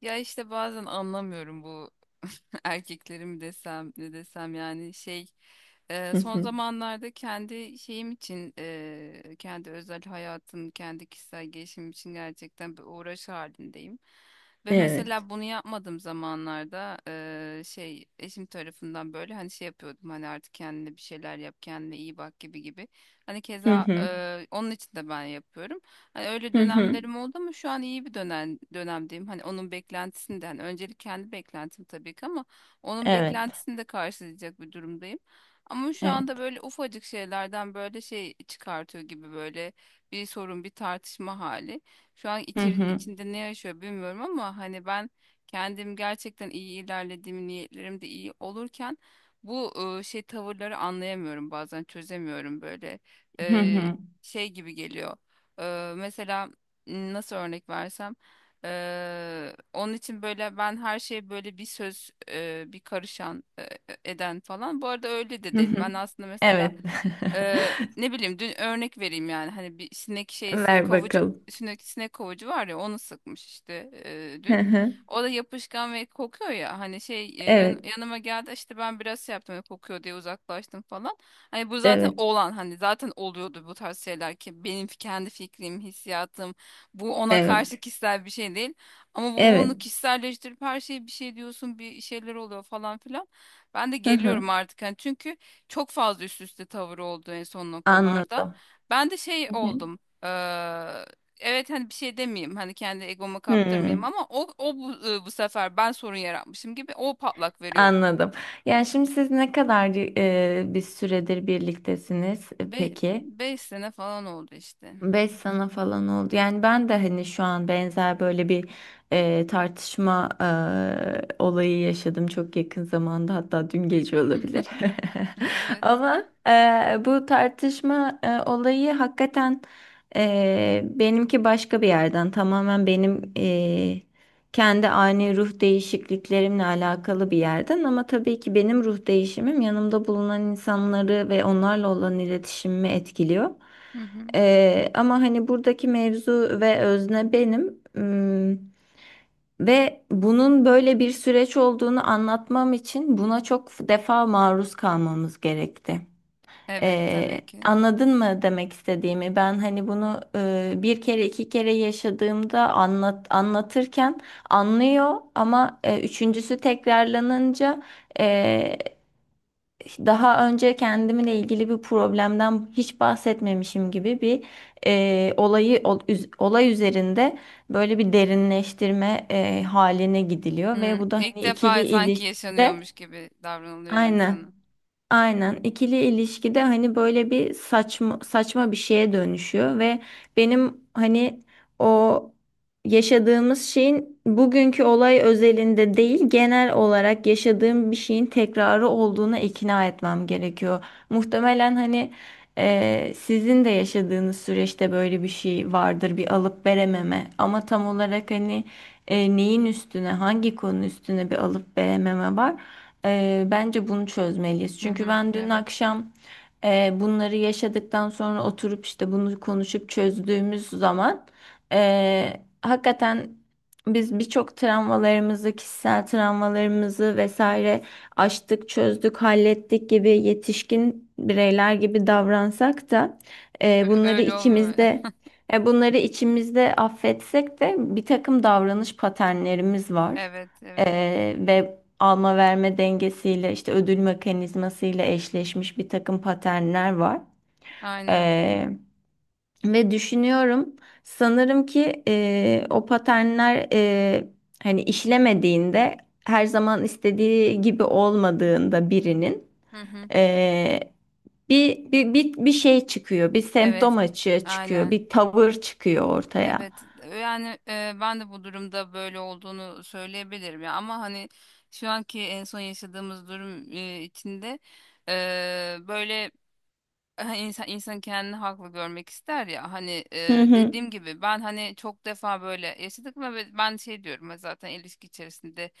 Ya işte bazen anlamıyorum bu erkekleri mi desem ne desem yani Hı son hı. zamanlarda kendi şeyim için kendi özel hayatım kendi kişisel gelişimim için gerçekten bir uğraş halindeyim. Ve Evet. mesela bunu yapmadığım zamanlarda eşim tarafından böyle hani şey yapıyordum hani artık kendine bir şeyler yap kendine iyi bak gibi gibi. Hani Hı keza hı. Onun için de ben yapıyorum. Hani öyle Hı hı. dönemlerim oldu ama şu an iyi bir dönemdeyim. Hani onun beklentisinden öncelik kendi beklentim tabii ki ama onun Evet. beklentisini de karşılayacak bir durumdayım. Ama şu Evet. anda böyle ufacık şeylerden böyle şey çıkartıyor gibi böyle bir sorun bir tartışma hali. Şu an Hı hı. içinde ne yaşıyor bilmiyorum ama hani ben kendim gerçekten iyi ilerlediğim niyetlerim de iyi olurken bu şey tavırları anlayamıyorum bazen çözemiyorum böyle. Hı E, hı. Şey gibi geliyor. Mesela nasıl örnek versem, onun için böyle ben her şeye böyle bir söz bir karışan eden falan. Bu arada öyle de Hı değil. hı. Ben aslında mesela Evet. Ne bileyim dün örnek vereyim yani hani bir sinek şeysi Ver kovucu bakalım. sinek kovucu var ya onu sıkmış işte Hı dün. hı. O da yapışkan ve kokuyor ya hani şey Evet. yanıma geldi işte ben biraz şey yaptım hani kokuyor diye uzaklaştım falan. Hani bu zaten Evet. olan hani zaten oluyordu bu tarz şeyler ki benim kendi fikrim, hissiyatım bu ona karşı Evet. kişisel bir şey değil. Ama bu onu Evet. kişiselleştirip her şeye bir şey diyorsun bir şeyler oluyor falan filan. Ben de Hı geliyorum hı. artık hani çünkü çok fazla üst üste tavır oldu en son noktalarda. Anladım. Ben de şey Hı hı. oldum. Evet hani bir şey demeyeyim hani kendi egomu kaptırmayayım Hmm, ama o, o bu sefer ben sorun yaratmışım gibi o patlak veriyor. Anladım. Yani şimdi siz ne kadar bir süredir birliktesiniz, peki? 5 sene falan oldu işte. 5 sene falan oldu. Yani ben de hani şu an benzer böyle bir tartışma olayı yaşadım çok yakın zamanda, hatta dün gece olabilir. Evet. Ama bu tartışma olayı hakikaten benimki başka bir yerden, tamamen benim kendi ani ruh değişikliklerimle alakalı bir yerden, ama tabii ki benim ruh değişimim yanımda bulunan insanları ve onlarla olan iletişimimi etkiliyor. Hı hı. Ama hani buradaki mevzu ve özne benim. Ve bunun böyle bir süreç olduğunu anlatmam için buna çok defa maruz kalmamız gerekti. Evet tabii ki. Anladın mı demek istediğimi? Ben hani bunu bir kere iki kere yaşadığımda anlatırken anlıyor, ama üçüncüsü tekrarlanınca daha önce kendimle ilgili bir problemden hiç bahsetmemişim gibi bir olay üzerinde böyle bir derinleştirme haline gidiliyor, ve Hmm, bu da ilk hani ikili defa sanki ilişkide yaşanıyormuş gibi davranılıyor yani aynen. sana. Aynen ikili ilişkide hani böyle bir saçma saçma bir şeye dönüşüyor ve benim hani o yaşadığımız şeyin bugünkü olay özelinde değil, genel olarak yaşadığım bir şeyin tekrarı olduğuna ikna etmem gerekiyor. Muhtemelen hani sizin de yaşadığınız süreçte böyle bir şey vardır, bir alıp verememe, ama tam olarak hani neyin üstüne, hangi konu üstüne bir alıp verememe var. Bence bunu çözmeliyiz. Hı Çünkü hı. ben dün Evet. akşam bunları yaşadıktan sonra oturup işte bunu konuşup çözdüğümüz zaman hakikaten biz birçok travmalarımızı, kişisel travmalarımızı vesaire aştık, çözdük, hallettik gibi, yetişkin bireyler gibi davransak da e, bunları Öyle olmuyor. içimizde bunları içimizde affetsek de, bir takım davranış paternlerimiz var. Evet, evet. Ve alma verme dengesiyle, işte ödül mekanizmasıyla eşleşmiş bir takım paternler var. Aynen. Ee, Ve düşünüyorum, sanırım ki o paternler hani işlemediğinde, her zaman istediği gibi olmadığında birinin Hı hı. e, bir şey çıkıyor, bir semptom Evet. açığa çıkıyor, Aynen. bir tavır çıkıyor ortaya. Evet. Yani ben de bu durumda böyle olduğunu söyleyebilirim ya ama hani şu anki en son yaşadığımız durum içinde böyle. Ha, insan kendini haklı görmek ister ya hani Hı hı, dediğim gibi ben hani çok defa böyle yaşadık ve ben şey diyorum ya zaten ilişki içerisinde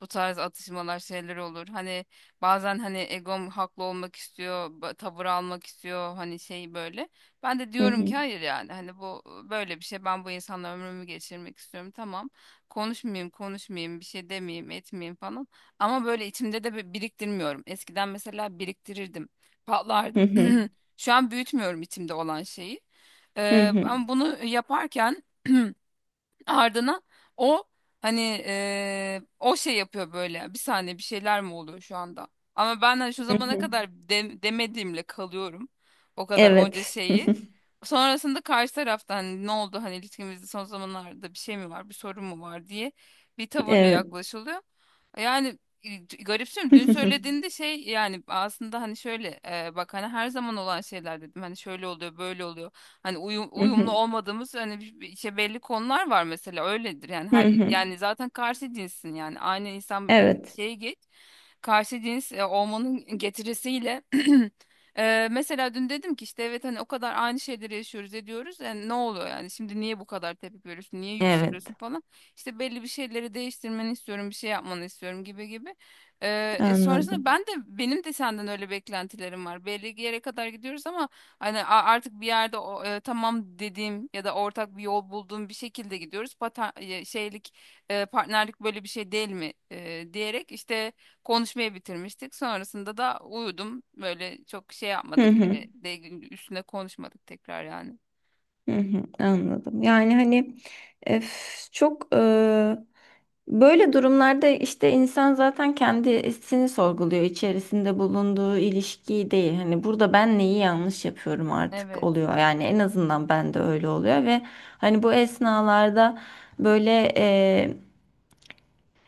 bu tarz atışmalar şeyler olur hani bazen hani egom haklı olmak istiyor tavır almak istiyor hani şey böyle ben de hı diyorum ki hı, hayır yani hani bu böyle bir şey ben bu insanla ömrümü geçirmek istiyorum tamam konuşmayayım bir şey demeyeyim etmeyeyim falan ama böyle içimde de biriktirmiyorum eskiden mesela biriktirirdim hı patlardım. hı, Şu an büyütmüyorum içimde olan şeyi. hı hı, Ama bunu yaparken ardına o hani o şey yapıyor böyle. Bir saniye bir şeyler mi oluyor şu anda? Ama ben hani şu hı zamana hı. kadar demediğimle kalıyorum. O kadar onca Evet. şeyi. Sonrasında karşı taraftan hani ne oldu hani ilişkimizde son zamanlarda bir şey mi var, bir sorun mu var diye bir tavırla Evet. yaklaşılıyor. Yani garipsiyorum. Dün söylediğinde şey yani aslında hani şöyle bak hani her zaman olan şeyler dedim. Hani şöyle oluyor, böyle oluyor. Hani uyumlu olmadığımız hani işte belli konular var mesela öyledir. Yani Hı her hı. yani zaten karşı cinsin yani aynı insan Evet, şeye geç karşı cins olmanın getirisiyle mesela dün dedim ki işte evet hani o kadar aynı şeyleri yaşıyoruz ediyoruz yani ne oluyor yani şimdi niye bu kadar tepki veriyorsun niye yükseliyorsun evet. falan işte belli bir şeyleri değiştirmeni istiyorum bir şey yapmanı istiyorum gibi gibi. E, Sonrasında Anladım. ben de benim de senden öyle beklentilerim var belli bir yere kadar gidiyoruz ama hani artık bir yerde tamam dediğim ya da ortak bir yol bulduğum bir şekilde gidiyoruz partnerlik böyle bir şey değil mi diyerek işte konuşmayı bitirmiştik. Sonrasında da uyudum. Böyle çok şey Hı yapmadık. hı. Öyle de üstüne konuşmadık tekrar yani. Hı hı. Anladım. Yani hani, öf, çok, böyle durumlarda işte insan zaten kendisini sorguluyor, içerisinde bulunduğu ilişkiyi değil. Hani, burada ben neyi yanlış yapıyorum artık Evet. oluyor. Yani en azından ben de öyle oluyor, ve hani bu esnalarda böyle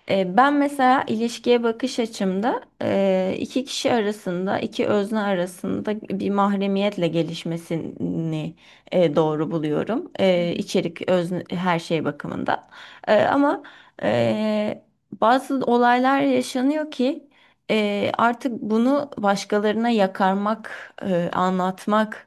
E, ben mesela ilişkiye bakış açımda iki kişi arasında, iki özne arasında bir mahremiyetle gelişmesini doğru buluyorum. Hı E, hı. içerik, özne, her şey bakımından. Ama e, bazı olaylar yaşanıyor ki artık bunu başkalarına yakarmak, anlatmak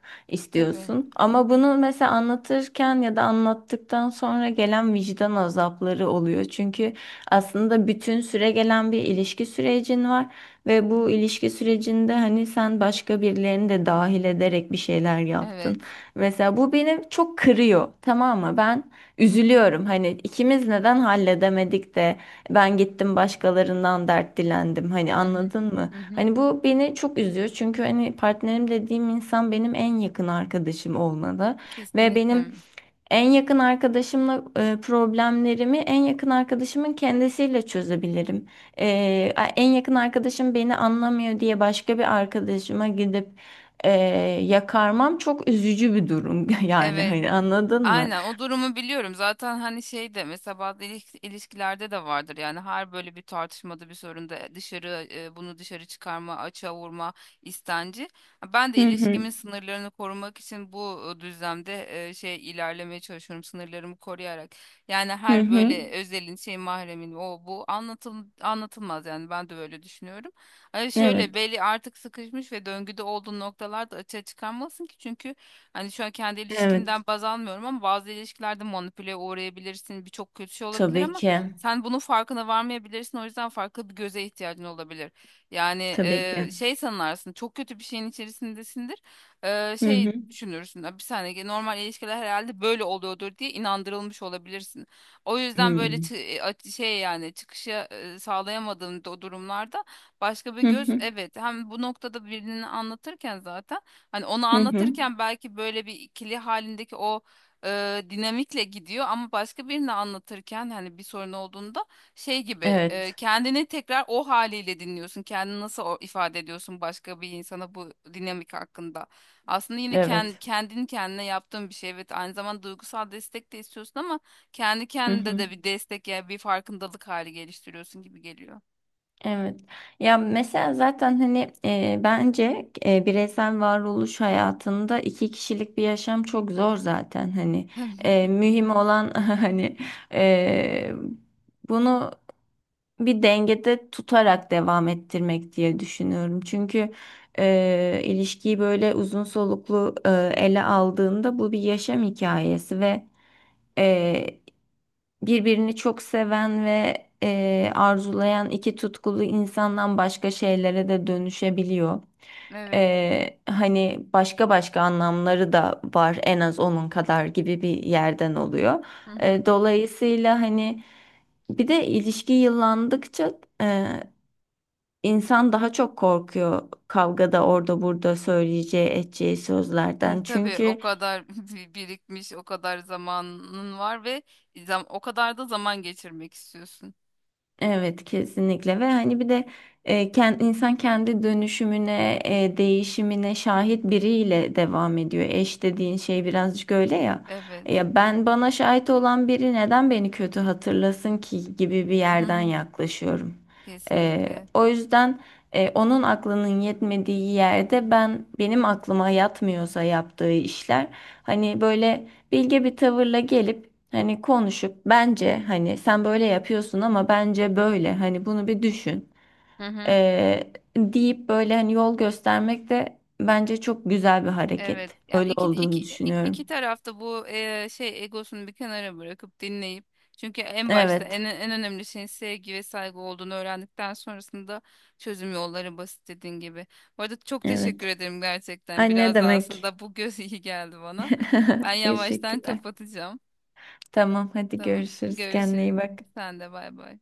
Tabii. istiyorsun. Ama bunu mesela anlatırken ya da anlattıktan sonra gelen vicdan azapları oluyor. Çünkü aslında bütün süre gelen bir ilişki sürecin var, ve Hı hı. bu ilişki sürecinde hani sen başka birilerini de dahil ederek bir şeyler Evet. yaptın. Mesela bu beni çok kırıyor, tamam mı? Ben üzülüyorum. Hani ikimiz neden halledemedik de ben gittim başkalarından dert dilendim. Hani Hı hı. anladın mı? Hı hı. Hani bu beni çok üzüyor. Çünkü hani partnerim dediğim insan benim en yakın arkadaşım olmalı, ve Kesinlikle. benim en yakın arkadaşımla problemlerimi en yakın arkadaşımın kendisiyle çözebilirim. En yakın arkadaşım beni anlamıyor diye başka bir arkadaşıma gidip e, yakarmam çok üzücü bir durum. Yani Evet. hani, anladın mı? Aynen o durumu biliyorum. Zaten hani şey de mesela bazı ilişkilerde de vardır. Yani her böyle bir tartışmada bir sorunda dışarı bunu dışarı çıkarma, açığa vurma istenci. Ben de Hı hı. ilişkimin sınırlarını korumak için bu düzlemde şey ilerlemeye çalışıyorum sınırlarımı koruyarak. Yani Hı her hı. böyle özelin şey mahremin o bu anlatılmaz yani ben de böyle düşünüyorum. Hani şöyle Evet. belli artık sıkışmış ve döngüde olduğu noktalarda açığa çıkarmasın ki çünkü hani şu an kendi ilişkimden Evet. baz almıyorum ama bazı ilişkilerde manipüle uğrayabilirsin. Birçok kötü şey olabilir Tabii ama ki. sen bunun farkına varmayabilirsin. O yüzden farklı bir göze ihtiyacın olabilir. Yani Tabii ki. şey sanırsın çok kötü bir şeyin içerisindesindir. E, Hı şey hı. düşünürsün. "Ya bir saniye normal ilişkiler herhalde böyle oluyordur diye inandırılmış olabilirsin. O yüzden böyle Hmm. Şey yani çıkışı sağlayamadığın durumlarda başka bir Hı göz hı. evet hem bu noktada birini anlatırken zaten hani onu Hı hı. Hı. anlatırken belki böyle bir ikili halindeki o dinamikle gidiyor ama başka birini anlatırken hani bir sorun olduğunda şey gibi Evet. kendini tekrar o haliyle dinliyorsun. Kendini nasıl ifade ediyorsun başka bir insana bu dinamik hakkında. Aslında yine Evet. kendini kendine yaptığın bir şey. Evet aynı zamanda duygusal destek de istiyorsun ama kendi Hı kendine hı. de bir destek yani bir farkındalık hali geliştiriyorsun gibi geliyor. Evet. Ya mesela zaten hani, bence bireysel varoluş hayatında iki kişilik bir yaşam çok zor zaten hani E, Tabii. mühim olan hani e, bunu bir dengede tutarak devam ettirmek diye düşünüyorum. Çünkü ilişkiyi böyle uzun soluklu ele aldığında bu bir yaşam hikayesi, ve birbirini çok seven ve arzulayan iki tutkulu insandan başka şeylere de dönüşebiliyor. Evet. Hani başka başka anlamları da var en az onun kadar, gibi bir yerden oluyor. Hı hı. Dolayısıyla hani, bir de ilişki yıllandıkça e, insan daha çok korkuyor kavgada orada burada söyleyeceği, edeceği Hı, sözlerden. tabii o Çünkü. kadar birikmiş, o kadar zamanın var ve o kadar da zaman geçirmek istiyorsun. Evet, kesinlikle, ve hani bir de insan kendi dönüşümüne, değişimine şahit biriyle devam ediyor. Eş dediğin şey birazcık öyle ya. E, Evet. Ya ben, bana şahit olan biri neden beni kötü hatırlasın ki, gibi bir Hı yerden hı. yaklaşıyorum. E, Kesinlikle. o yüzden onun aklının yetmediği yerde, benim aklıma yatmıyorsa yaptığı işler hani böyle bilge bir tavırla gelip, hani konuşup, bence hani sen böyle yapıyorsun ama bence böyle hani bunu bir düşün, Hı hı. Deyip böyle hani yol göstermek de bence çok güzel bir Evet. hareket. Yani Öyle iki olduğunu iki iki, iki düşünüyorum. tarafta bu şey egosunu bir kenara bırakıp dinleyip çünkü en başta Evet, en önemli şeyin sevgi ve saygı olduğunu öğrendikten sonrasında çözüm yolları basit dediğin gibi. Bu arada çok teşekkür evet. ederim gerçekten. Ay, ne Biraz da demek. aslında bu göz iyi geldi bana. Ben yavaştan Teşekkürler. kapatacağım. Tamam, hadi Tamam. görüşürüz, kendine Görüşürüz. iyi bak. Sen de bay bay.